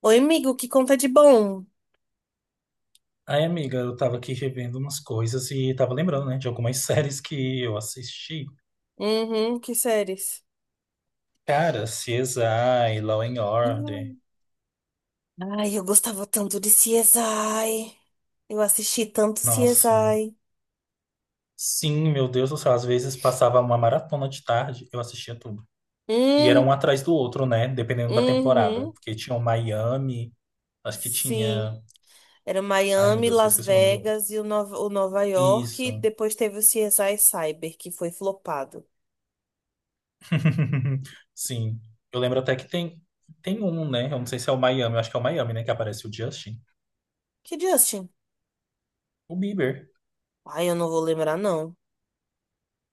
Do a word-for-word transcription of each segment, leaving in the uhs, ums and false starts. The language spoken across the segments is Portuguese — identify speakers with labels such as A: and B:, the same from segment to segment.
A: Oi, amigo, que conta de bom?
B: Aí, amiga, eu tava aqui revendo umas coisas e tava lembrando, né, de algumas séries que eu assisti.
A: Uhum, que séries?
B: Cara, C S I, Law and Order.
A: Hum. Ai, eu gostava tanto de C S I. Eu assisti tanto
B: Nossa.
A: C S I.
B: Sim, meu Deus do céu, às vezes passava uma maratona de tarde, eu assistia tudo. E era
A: Uhum,
B: um atrás do outro, né, dependendo da temporada.
A: uhum,
B: Porque tinha o Miami, acho que
A: sim.
B: tinha...
A: Era
B: Ai, meu
A: Miami,
B: Deus, eu
A: Las
B: esqueci o nome do outro.
A: Vegas e o Nova, o Nova York. E
B: Isso.
A: depois teve o C S I Cyber, que foi flopado.
B: Sim. Eu lembro até que tem, tem um, né, eu não sei se é o Miami, eu acho que é o Miami, né, que aparece o Justin.
A: Que Justin?
B: O Bieber,
A: Ai, eu não vou lembrar, não.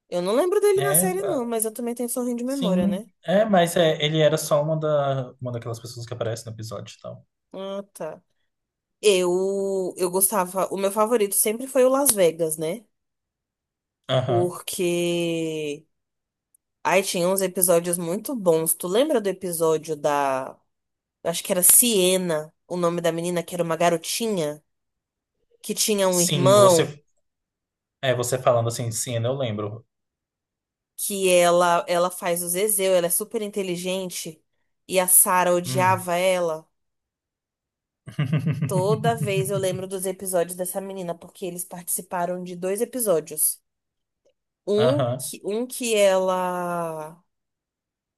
A: Eu não lembro dele na
B: né?
A: série, não, mas eu também tenho um sorrinho de memória,
B: Sim,
A: né?
B: é, mas é, ele era só uma, da, uma daquelas pessoas que aparece no episódio e tal.
A: Ah, tá. Eu, eu gostava. O meu favorito sempre foi o Las Vegas, né?
B: Aham.
A: Porque aí tinha uns episódios muito bons. Tu lembra do episódio da. Acho que era Siena, o nome da menina, que era uma garotinha, que tinha um
B: Sim,
A: irmão,
B: você, é, você falando assim, sim, eu lembro.
A: que ela ela faz o Zezéu, ela é super inteligente, e a Sarah
B: Hum.
A: odiava ela. Toda vez eu lembro dos episódios dessa menina, porque eles participaram de dois episódios. Um
B: Aham.
A: que, um que ela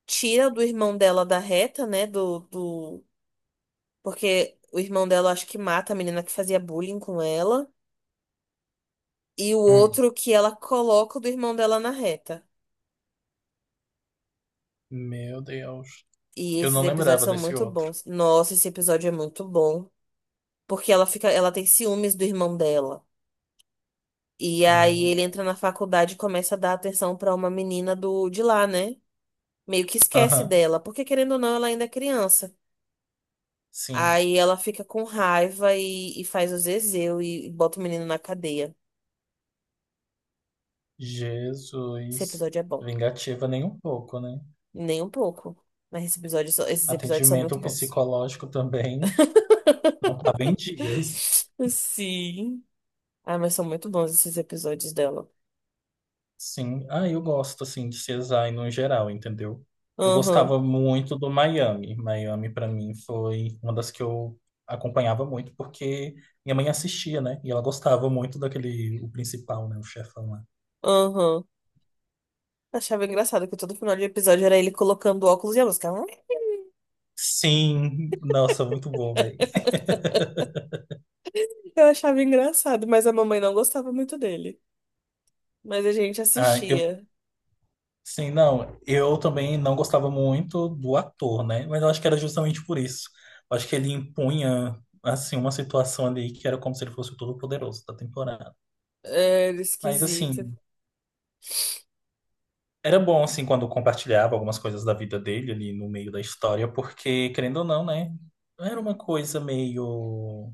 A: tira do irmão dela da reta, né? Do, do, Porque o irmão dela acho que mata a menina que fazia bullying com ela. E o
B: Hum.
A: outro que ela coloca o do irmão dela na reta.
B: Meu Deus.
A: E
B: Eu
A: esses
B: não
A: episódios
B: lembrava
A: são
B: desse
A: muito
B: outro.
A: bons. Nossa, esse episódio é muito bom. Porque ela fica, ela tem ciúmes do irmão dela. E aí ele
B: Hum.
A: entra na faculdade e começa a dar atenção pra uma menina do de lá, né? Meio que esquece
B: Aham.
A: dela, porque querendo ou não, ela ainda é criança.
B: Sim.
A: Aí ela fica com raiva e, e faz o zezéu e, e bota o menino na cadeia. Esse
B: Jesus.
A: episódio é bom.
B: Vingativa nem um pouco, né?
A: Nem um pouco. Mas esse episódio só- esses episódios são muito
B: Atendimento
A: bons.
B: psicológico também não tava em dias.
A: Sim. Ah, mas são muito bons esses episódios dela.
B: Sim, ah, eu gosto assim de C S I no geral, entendeu? Eu
A: Aham,
B: gostava muito do Miami. Miami pra mim foi uma das que eu acompanhava muito porque minha mãe assistia, né? E ela gostava muito daquele o principal, né, o chefão lá.
A: aham. Achava engraçado que todo final de episódio era ele colocando óculos e a música.
B: Sim, nossa, muito bom, velho.
A: Eu achava engraçado, mas a mamãe não gostava muito dele. Mas a gente
B: Ah, eu
A: assistia.
B: sim, não, eu também não gostava muito do ator, né? Mas eu acho que era justamente por isso. Eu acho que ele impunha assim uma situação ali que era como se ele fosse o todo-poderoso da temporada.
A: Era
B: Mas
A: esquisito.
B: assim, era bom, assim, quando compartilhava algumas coisas da vida dele ali no meio da história, porque, querendo ou não, né? Era uma coisa meio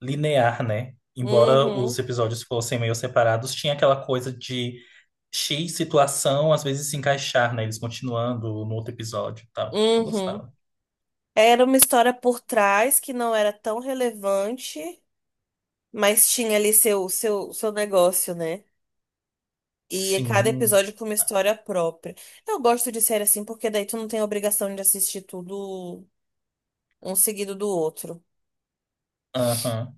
B: linear, né? Embora
A: Uhum,
B: os episódios fossem meio separados, tinha aquela coisa de X situação às vezes se encaixar, né? Eles continuando no outro episódio e tal. Eu
A: uhum.
B: gostava.
A: Era uma história por trás que não era tão relevante, mas tinha ali seu, seu, seu negócio, né? E cada
B: Sim,
A: episódio com uma história própria. Eu gosto de série assim porque daí tu não tem a obrigação de assistir tudo um seguido do outro.
B: aham.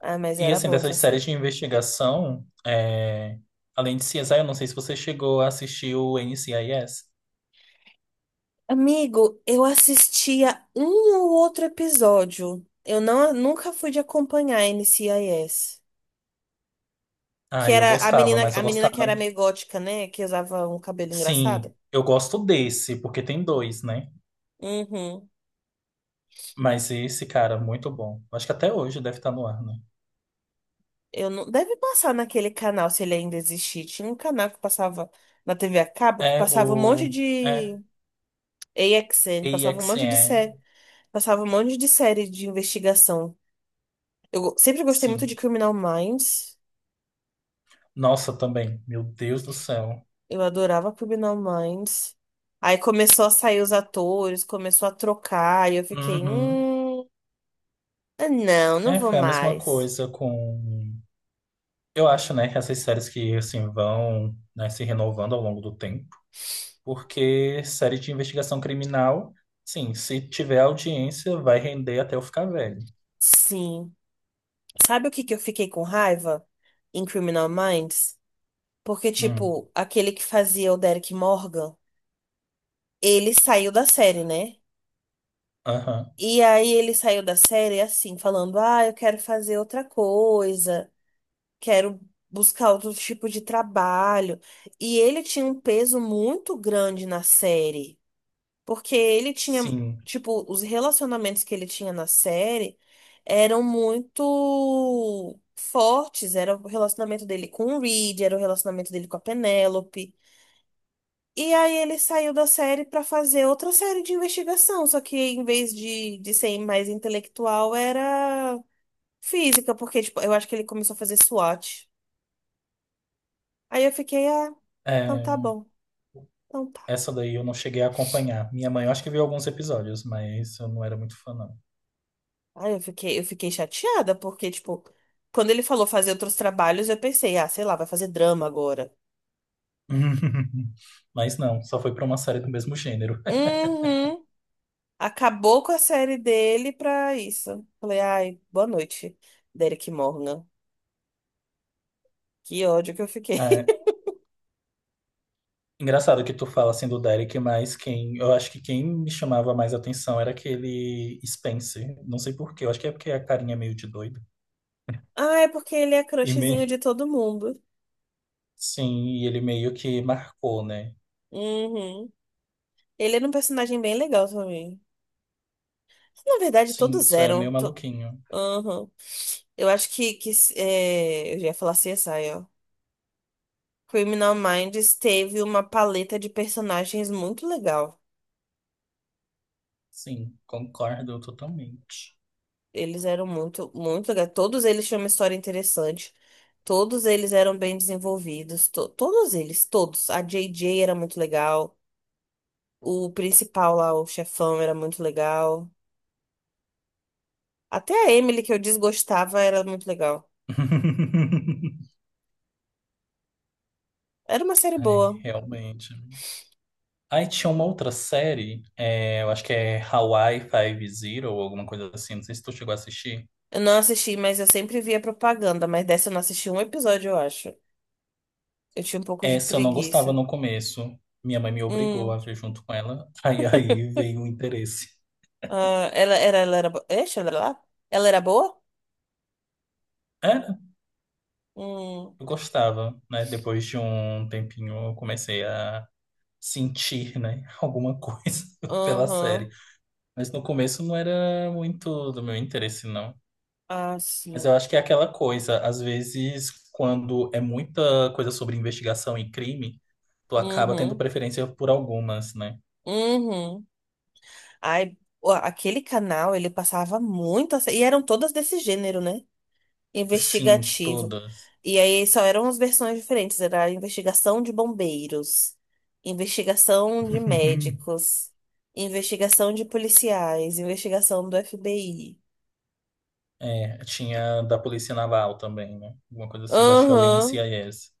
A: Ah, mas
B: E,
A: era
B: assim,
A: boa essa
B: dessas séries
A: série.
B: de investigação, é, além de C S I, eu não sei se você chegou a assistir o N C I S.
A: Amigo, eu assistia um ou outro episódio. Eu não, nunca fui de acompanhar a N C I S. Que
B: Ah, eu
A: era a
B: gostava,
A: menina,
B: mas
A: a
B: eu
A: menina que era
B: gostava.
A: meio gótica, né? Que usava um cabelo engraçado.
B: Sim, eu gosto desse, porque tem dois, né?
A: Uhum.
B: Mas esse, cara, muito bom. Acho que até hoje deve estar no ar, né?
A: Eu não, deve passar naquele canal, se ele ainda existir. Tinha um canal que passava na T V a cabo, que
B: É
A: passava um monte
B: o. É,
A: de A X N, passava um monte de série,
B: A X N,
A: passava um monte de série de investigação. Eu go- sempre gostei muito de
B: sim.
A: Criminal Minds.
B: Nossa, também. Meu Deus do céu.
A: Eu adorava Criminal Minds. Aí começou a sair os atores, começou a trocar, e eu fiquei,
B: Uhum.
A: hum, ah, não, não
B: É,
A: vou
B: foi a mesma
A: mais.
B: coisa com. Eu acho, né, que essas séries que, assim, vão, né, se renovando ao longo do tempo. Porque série de investigação criminal, sim, se tiver audiência, vai render até eu ficar velho.
A: Sim. Sabe o que que eu fiquei com raiva em Criminal Minds? Porque,
B: Hum.
A: tipo, aquele que fazia o Derek Morgan, ele saiu da série, né?
B: Aham.
A: E aí ele saiu da série assim, falando: "Ah, eu quero fazer outra coisa, quero buscar outro tipo de trabalho." E ele tinha um peso muito grande na série, porque ele tinha,
B: Sim.
A: tipo, os relacionamentos que ele tinha na série eram muito fortes. Era o relacionamento dele com o Reed, era o relacionamento dele com a Penélope. E aí ele saiu da série pra fazer outra série de investigação, só que em vez de, de ser mais intelectual, era física, porque tipo, eu acho que ele começou a fazer SWOT. Aí eu fiquei, ah, então tá
B: É.
A: bom, então tá.
B: Essa daí eu não cheguei a acompanhar. Minha mãe, eu acho que viu alguns episódios, mas eu não era muito fã, não.
A: Aí eu fiquei, eu fiquei chateada, porque, tipo, quando ele falou fazer outros trabalhos, eu pensei, ah, sei lá, vai fazer drama agora.
B: Mas não, só foi pra uma série do mesmo gênero.
A: Uhum. Acabou com a série dele pra isso. Falei, ai, boa noite, Derek Morgan. Que ódio que eu fiquei.
B: É, engraçado que tu fala assim do Derek, mas quem, eu acho que quem me chamava mais atenção era aquele Spencer. Não sei por quê, eu acho que é porque a carinha é meio de doido.
A: Ah, é porque ele é
B: E me,
A: crushzinho de todo mundo.
B: sim, e ele meio que marcou, né?
A: Uhum. Ele era um personagem bem legal também. Na verdade,
B: Sim,
A: todos
B: isso era
A: eram.
B: meio
A: To...
B: maluquinho.
A: Uhum. Eu acho que, que é, eu já ia falar C S I, ó. Criminal Minds teve uma paleta de personagens muito legal.
B: Sim, concordo totalmente.
A: Eles eram muito, muito legais. Todos eles tinham uma história interessante. Todos eles eram bem desenvolvidos. To- todos eles, todos. A J J era muito legal. O principal lá, o chefão, era muito legal. Até a Emily, que eu desgostava, era muito legal. Era uma série
B: É,
A: boa.
B: realmente. Aí tinha uma outra série, é, eu acho que é Hawaii Five-Zero ou alguma coisa assim, não sei se tu chegou a assistir.
A: Eu não assisti, mas eu sempre via propaganda. Mas dessa eu não assisti um episódio, eu acho. Eu tinha um pouco de
B: Essa eu não gostava
A: preguiça.
B: no começo, minha mãe me obrigou a
A: Hum.
B: ver junto com ela, aí, aí veio o interesse.
A: Ah, ela, era, ela era boa. Ela era lá? Ela era boa?
B: Era,
A: Hum.
B: eu gostava, né? Depois de um tempinho eu comecei a sentir, né, alguma coisa pela série.
A: Aham.
B: Mas no começo não era muito do meu interesse, não.
A: Ah,
B: Mas
A: sim.
B: eu acho que é aquela coisa, às vezes, quando é muita coisa sobre investigação e crime, tu acaba tendo
A: Uhum.
B: preferência por algumas, né?
A: Uhum. Ai, ó, aquele canal, ele passava muito. a sé- E eram todas desse gênero, né?
B: Sim,
A: Investigativo.
B: todas.
A: E aí só eram as versões diferentes, era a investigação de bombeiros, investigação de médicos, investigação de policiais, investigação do F B I.
B: É, tinha da Polícia Naval também, né? Alguma coisa assim, que eu acho que é o
A: Aham.
B: N C I S.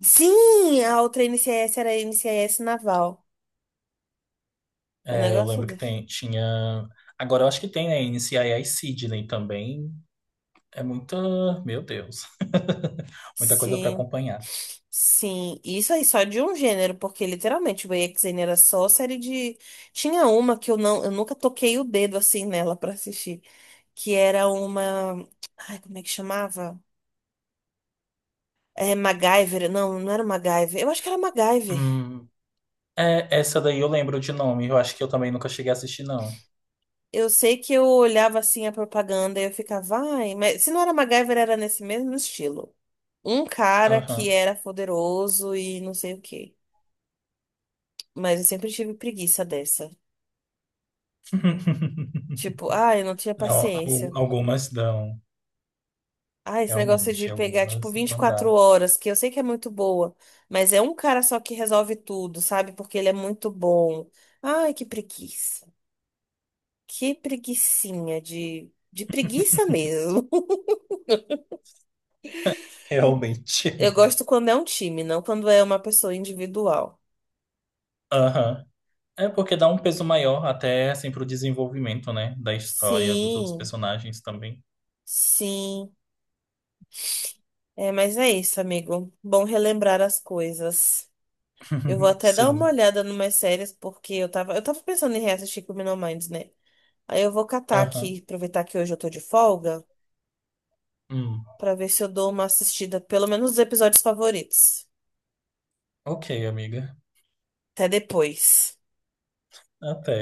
A: Sim, a outra N C I S era a N C I S Naval. O
B: É, eu
A: negócio
B: lembro que
A: desse.
B: tem, tinha. Agora eu acho que tem, né? N C I S Sydney também. É muita. Meu Deus. Muita coisa para
A: Sim,
B: acompanhar.
A: sim. Isso aí só de um gênero, porque literalmente o E X N era só série de. Tinha uma que eu não, eu nunca toquei o dedo assim nela pra assistir. Que era uma. Ai, como é que chamava? É, MacGyver. Não, não era MacGyver. Eu acho que era MacGyver.
B: Hum, é, essa daí eu lembro de nome. Eu acho que eu também nunca cheguei a assistir, não.
A: Eu sei que eu olhava assim a propaganda e eu ficava, ai, mas se não era MacGyver, era nesse mesmo estilo. Um cara que
B: Aham.
A: era poderoso e não sei o quê. Mas eu sempre tive preguiça dessa. Tipo, ai, eu não tinha
B: Não, al-
A: paciência.
B: algumas dão.
A: Ah, esse negócio de
B: Realmente,
A: pegar, tipo,
B: algumas
A: vinte e
B: não
A: quatro
B: dá.
A: horas, que eu sei que é muito boa, mas é um cara só que resolve tudo, sabe? Porque ele é muito bom. Ai, que preguiça. Que preguicinha de, de preguiça mesmo.
B: Realmente,
A: Eu
B: amiga.
A: gosto quando é um time, não quando é uma pessoa individual.
B: Aham. É porque dá um peso maior até assim pro desenvolvimento, né? Da história, dos outros
A: Sim,
B: personagens também.
A: sim. É, mas é isso, amigo. Bom relembrar as coisas. Eu vou até dar uma
B: Sim.
A: olhada numas séries, porque eu tava, eu tava pensando em reassistir Criminal Minds, né? Aí eu vou catar
B: Aham.
A: aqui, aproveitar que hoje eu tô de folga,
B: Hum.
A: pra ver se eu dou uma assistida, pelo menos os episódios favoritos.
B: Ok, amiga.
A: Até depois.
B: Até.